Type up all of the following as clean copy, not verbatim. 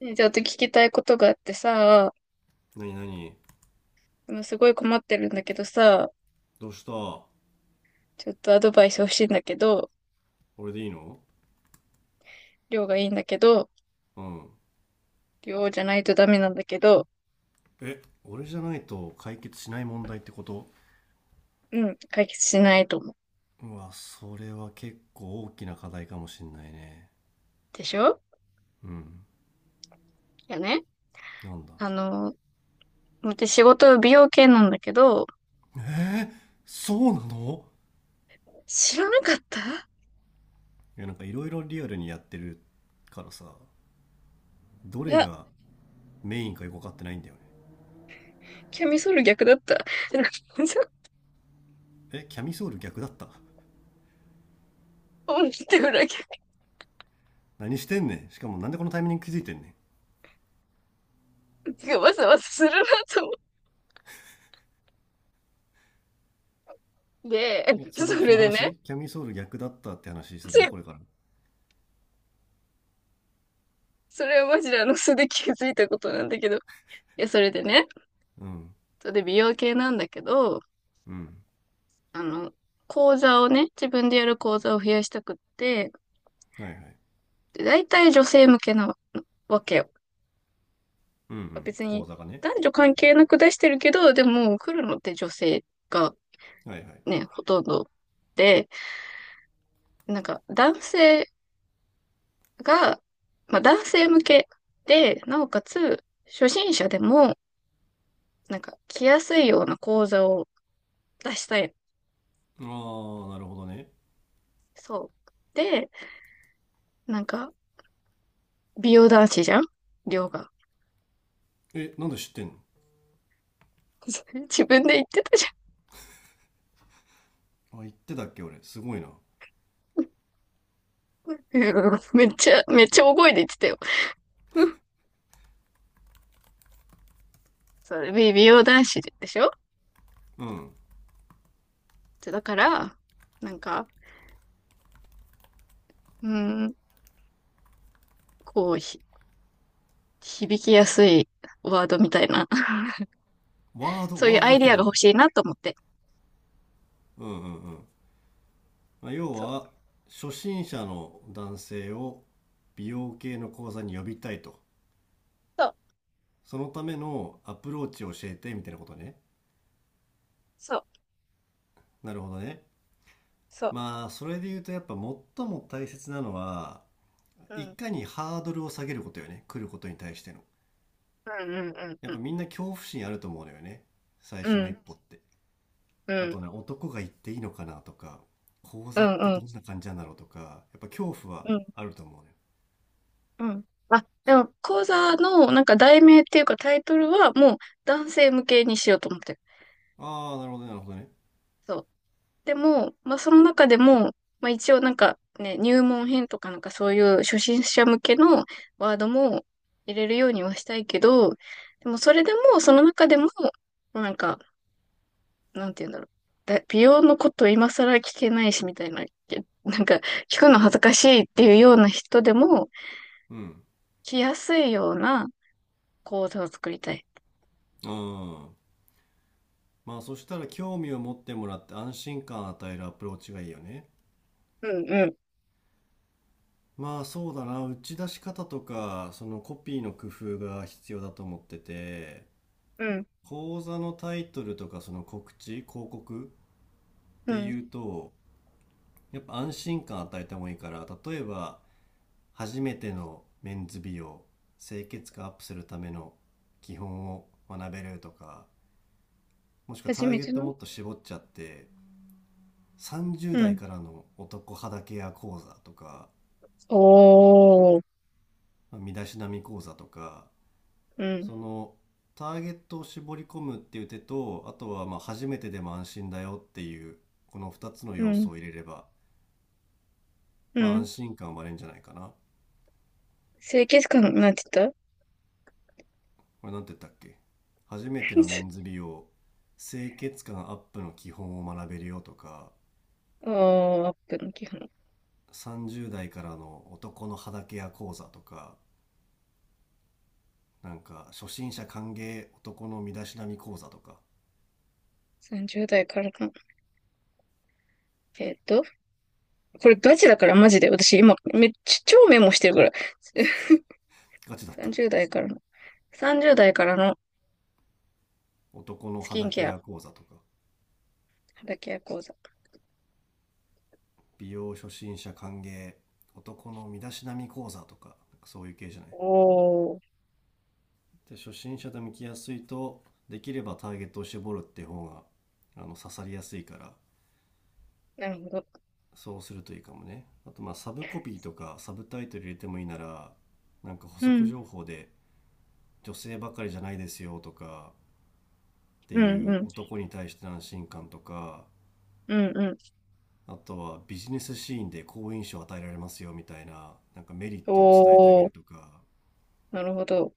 ねちょっと聞きたいことがあってさ、なになに。すごい困ってるんだけどさ、どうした。ちょっとアドバイス欲しいんだけど、俺でいいの？量がいいんだけど、うん。量じゃないとダメなんだけど、え、俺じゃないと解決しない問題ってこと？うん、解決しないと思う。うわ、それは結構大きな課題かもしんないね。でしょ。うん。いやね、なんだ。あの、私仕事美容系なんだけど、えー、そうなの？知らなかった。いや、なんかいろいろリアルにやってるからさ、どいれや、がメインかよく分かってないんだよね。キャミソール逆だった。ん、え、キャミソール逆だった？って裏逆何してんねん。しかもなんでこのタイミング気づいてんねがわざわざするなと思って、ん。え、そでその、それのでね、話キャミソール逆だったって話すつるのい、これから？それはマジで素で気づいたことなんだけど、いや、それでね、うん。それで美容系なんだけど、うん。あの、講座をね、自分でやる講座を増やしたくって、はいはい。で、大体女性向けなわけよ。うんうん。別口に座がね。男女関係なく出してるけど、でも来るのって女性がはいはい。ね、ほとんどで、なんか男性が、まあ男性向けで、なおかつ初心者でも、なんか来やすいような講座を出したい。ああ、なるほどね。そう。で、なんか美容男子じゃん量が。え、なんで知ってんの？ それ自分で言ってたじゃん。あ、言ってたっけ俺。すごいな。うんめっちゃ、めっちゃ大声で言ってたよ。うん、それ、美容男子でしょ。うん。だから、なんか、うん、こう、響きやすいワードみたいな、ワード、そういうワーアドイだデけィアでいがいの？欲しいなと思って。うんうんうん。まあ要そう、は、初心者の男性を美容系の講座に呼びたいと。そう、そのためのアプローチを教えてみたいなことね。そう、なるほどね。そう。まあ、それで言うとやっぱ最も大切なのは、ういん、かにハードルを下げることよね。来ることに対しての。うん、うん、やうっぱん、みんな恐怖心あると思うのよね。最う初の一ん、歩って。うあん、とね、男が行っていいのかなとか、講うん、座ってうどん、んな感じなんだろうとか、やっぱ恐怖はうん、うん。あると思うね。うん、あ、でも、講座の、なんか、題名っていうか、タイトルは、もう、男性向けにしようと思ってる。ああ、なるほどね、なるほどね。そう。でも、まあ、その中でも、まあ、一応なんかね、入門編とかなんかそういう初心者向けのワードも入れるようにはしたいけど、でもそれでも、その中でも、なんか、なんて言うんだろう。美容のこと今更聞けないしみたいな、なんか聞くの恥ずかしいっていうような人でも、うん。来やすいような講座を作りたい。うん。まあそしたら興味を持ってもらって安心感を与えるアプローチがいいよね。うん、うん、まあそうだな、打ち出し方とか、そのコピーの工夫が必要だと思ってて、うん。講座のタイトルとかその告知、広告っうてん。いうと、やっぱ安心感与えた方がいいから、例えば、初めてのメンズ美容、清潔感アップするための基本を学べるとか、もしくはタ初ーめゲッてトの。もっと絞っちゃって、30う代ん。からの男肌ケア講座とか、おー。身だしなみ講座とか、うん。そのターゲットを絞り込むっていう手と、あとはまあ初めてでも安心だよっていう、この2つのう要ん。素を入れれば、うまあ安ん。心感は生まれるんじゃないかな。清潔感、なんて言った。 これなんて言ったっけ。初めてのメンズ美容、清潔感アップの基本を学べるよとか、あー、アップの基本。30代からの男の肌ケア講座とか、なんか初心者歓迎男の身だしなみ講座とか。30代からの。えっと、これガチだからマジで。私今、めっちゃ超メモしてるから。ガチだった？30代からの。30代からの男のスキ肌ンケケア、ア講座とか、肌ケア講座。美容初心者歓迎、男の身だしなみ講座とか、なんかそういう系じゃない？おー、で初心者と向きやすいと。できればターゲットを絞るって方があの刺さりやすいから、なるほど。そうするといいかもね。あとまあサブコピーとかサブタイトル入れてもいいなら、なんか補う足ん、情報で、女性ばかりじゃないですよとかってうん、いううん、男に対しての安心感とか、うん、うん。あとはビジネスシーンで好印象を与えられますよみたいな、なんかメリッおトを伝えてあげるー、とか、なるほど。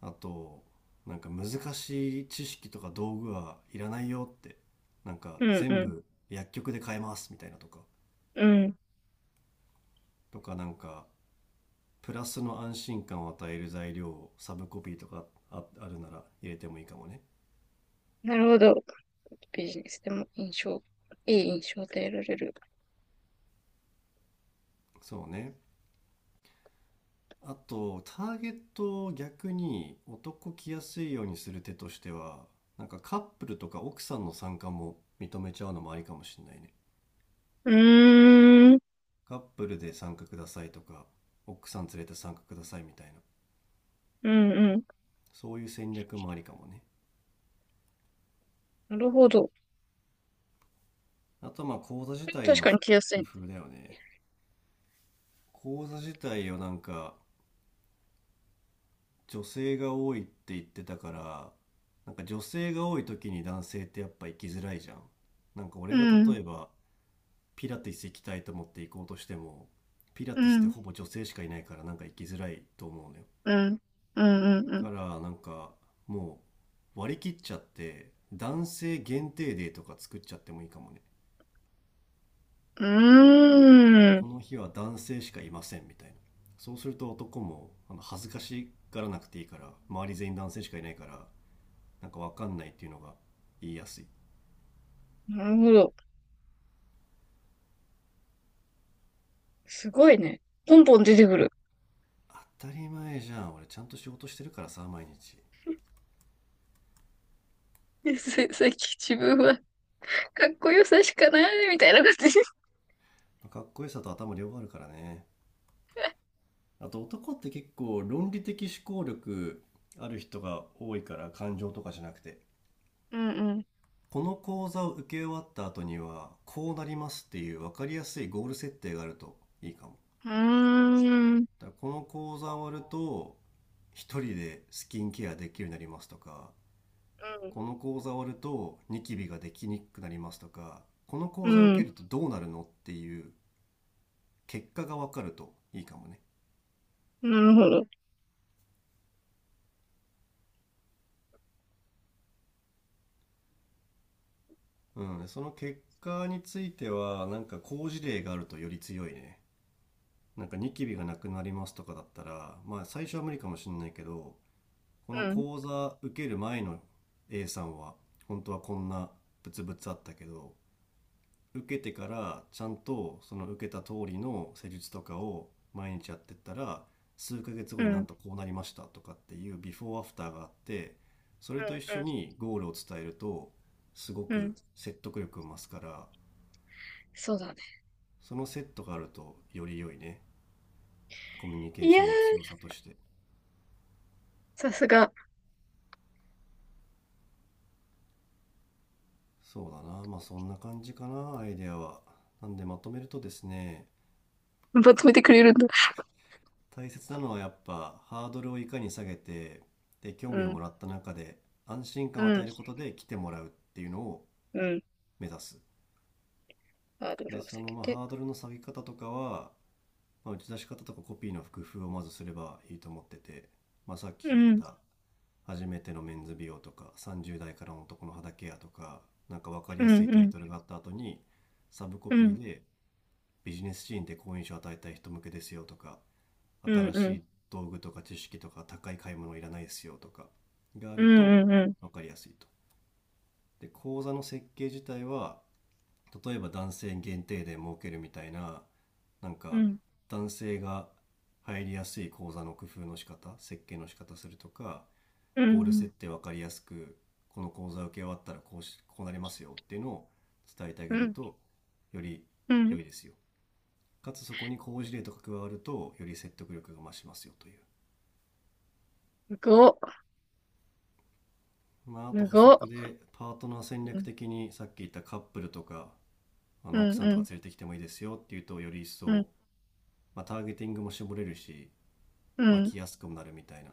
あと、なんか難しい知識とか道具はいらないよって、なんかうん、う全ん、部薬局で買えますみたいなとか、うん。とかなんかプラスの安心感を与える材料をサブコピーとか、ああるなら入れてもいいかもね。なるほど。ビジネスでも印象、いい印象で得られる。そうね。あとターゲットを逆に男来やすいようにする手としては、なんかカップルとか奥さんの参加も認めちゃうのもありかもしれないね。うーん、うカップルで参加くださいとか、奥さん連れて参加くださいみたいな、ん、うん。そういう戦略もありかもね。なるほど。あとまあ講座自体確のかに着やすい工ね。夫だよね。講座自体をなんか、女性が多いって言ってたから、なんか女性が多い時に男性ってやっぱ行きづらいじゃん。なんかう俺がん、例えばピラティス行きたいと思って行こうとしても、ピラうティスってん、ほぼ女性しかいないから、なんか行きづらいと思うのよ。うん、うん、うん、うん。だからなんかもう割り切っちゃって、男性限定デーとか作っちゃってもいいかもね。うーん。この日は男性しかいませんみたいな。そうすると男もあの恥ずかしがらなくていいから、周り全員男性しかいないから、なんかわかんないっていうのが言いやすい。なるほど。すごいね。ポンポン出てくる。当たり前じゃん、俺ちゃんと仕事してるからさ毎日。 さっき自分はかっこよさしかないみたいな感じ。かっこよさと頭両方あるからね。あと男って結構論理的思考力ある人が多いから、感情とかじゃなくて、うん、この講座を受け終わった後にはこうなりますっていう分かりやすいゴール設定があるといいかも。うん。うーん。だからこの講座終わると一人でスキンケアできるようになりますとか、この講座終わるとニキビができにくくなりますとか、このう講座をん、う受ん。けるとどうなるのっていう結果が分かるといいかもね。なるほど。うん、その結果については、なんか好事例があるとより強いね。なんかニキビがなくなりますとかだったら、まあ最初は無理かもしれないけど、こうのん、講座受ける前の A さんは、本当はこんなブツブツあったけど、受けてからちゃんとその受けた通りの施術とかを毎日やってったら、数ヶ月う後ん、うになん、んとこうなりましたとかっていうビフォーアフターがあって、それと一緒うにゴールを伝えるとすごん。うん、く説得力を増すから、そうだね。そのセットがあるとより良いね、コミュニケいーシやー、ョンの強さとして。さすが。そうだな、まあそんな感じかなアイデアは。なんでまとめるとですね、まとめてくれるんだ。大切なのはやっぱハードルをいかに下げて、で興う味をん、もらった中で安心う感を与ん、えることで来てもらうっていうのをうん。目指す。ハードルでを下そのげまあて。ハードルの下げ方とかは、まあ、打ち出し方とかコピーの工夫をまずすればいいと思ってて、まあ、さっうきん、言った初めてのメンズ美容とか30代からの男の肌ケアとか、なんか分かりうやすいん、うタイん、トルがあった後にサブコうん、ピうん、ーで、ビジネスシーンで好印象を与えたい人向けですよとか、うん、新うしん、い道具とか知識とか高い買い物いらないですよとかがあうるとん、うん、分かりやすいと。で、講座の設計自体は、例えば男性限定で設けるみたいな、なんうかん。男性が入りやすい講座の工夫の仕方、設計の仕方するとか、うゴールん、設定分かりやすく、この講座受け終わったらこうし、こうなりますよっていうのを伝えてあうげるん、と、よりうん、良いですよ。かつそこに好事例とか加わると、より説得力が増しますよという。すごっ、まあ、あとす補ごっ。足でパートナー戦う略ん、的にさっき言ったカップルとか、あうの奥さんとかん、連れてきてもいいですよっていうと、より一うん、うん、層、まあ、ターゲティングも絞れるし、うまあ、ん、来やすくもなるみたいな、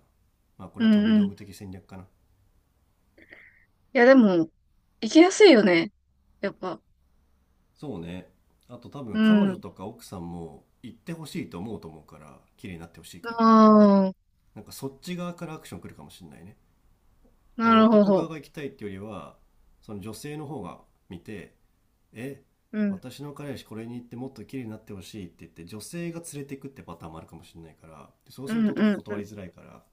まあ、こうれはん、飛びうん。道い具的戦略かな。や、でも、行きやすいよね。やっぱ。そうね。あと多う分彼女ん。とか奥さんも行ってほしいと思うと思うから、綺麗になってほしいかあら、あ、なんかそっち側からアクション来るかもしんないね。あなのるほ男側ど。が行きたいっていうよりは、その女性の方が見て「え、うん、私の彼氏これに行ってもっと綺麗になってほしい」って言って、女性が連れていくってパターンもあるかもしれないから、でそううするん、うと男ん、断りうづらいから、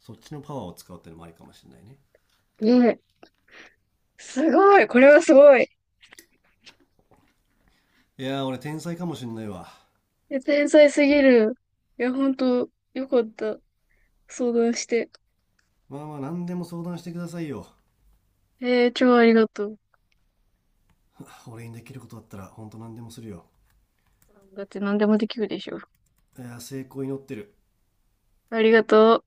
そっちのパワーを使うってのもありかもしれないね。ん。ね、すごい、これはすごい。いやー俺天才かもしんないわ。いや天才すぎる。いや、ほんと、よかった。相談して。まあまあ何でも相談してくださいよ。えー、超ありがとう。俺にできることだったらほんと何でもするよ。だって何でもできるでしょ。いやー成功祈ってる。ありがとう。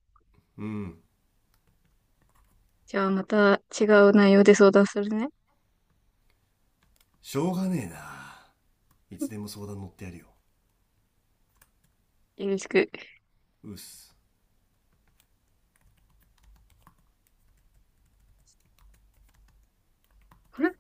うん。じゃあまた違う内容で相談するね。しょうがねえな、いつでも相談乗ってやるよ。よろしく。うっす。これ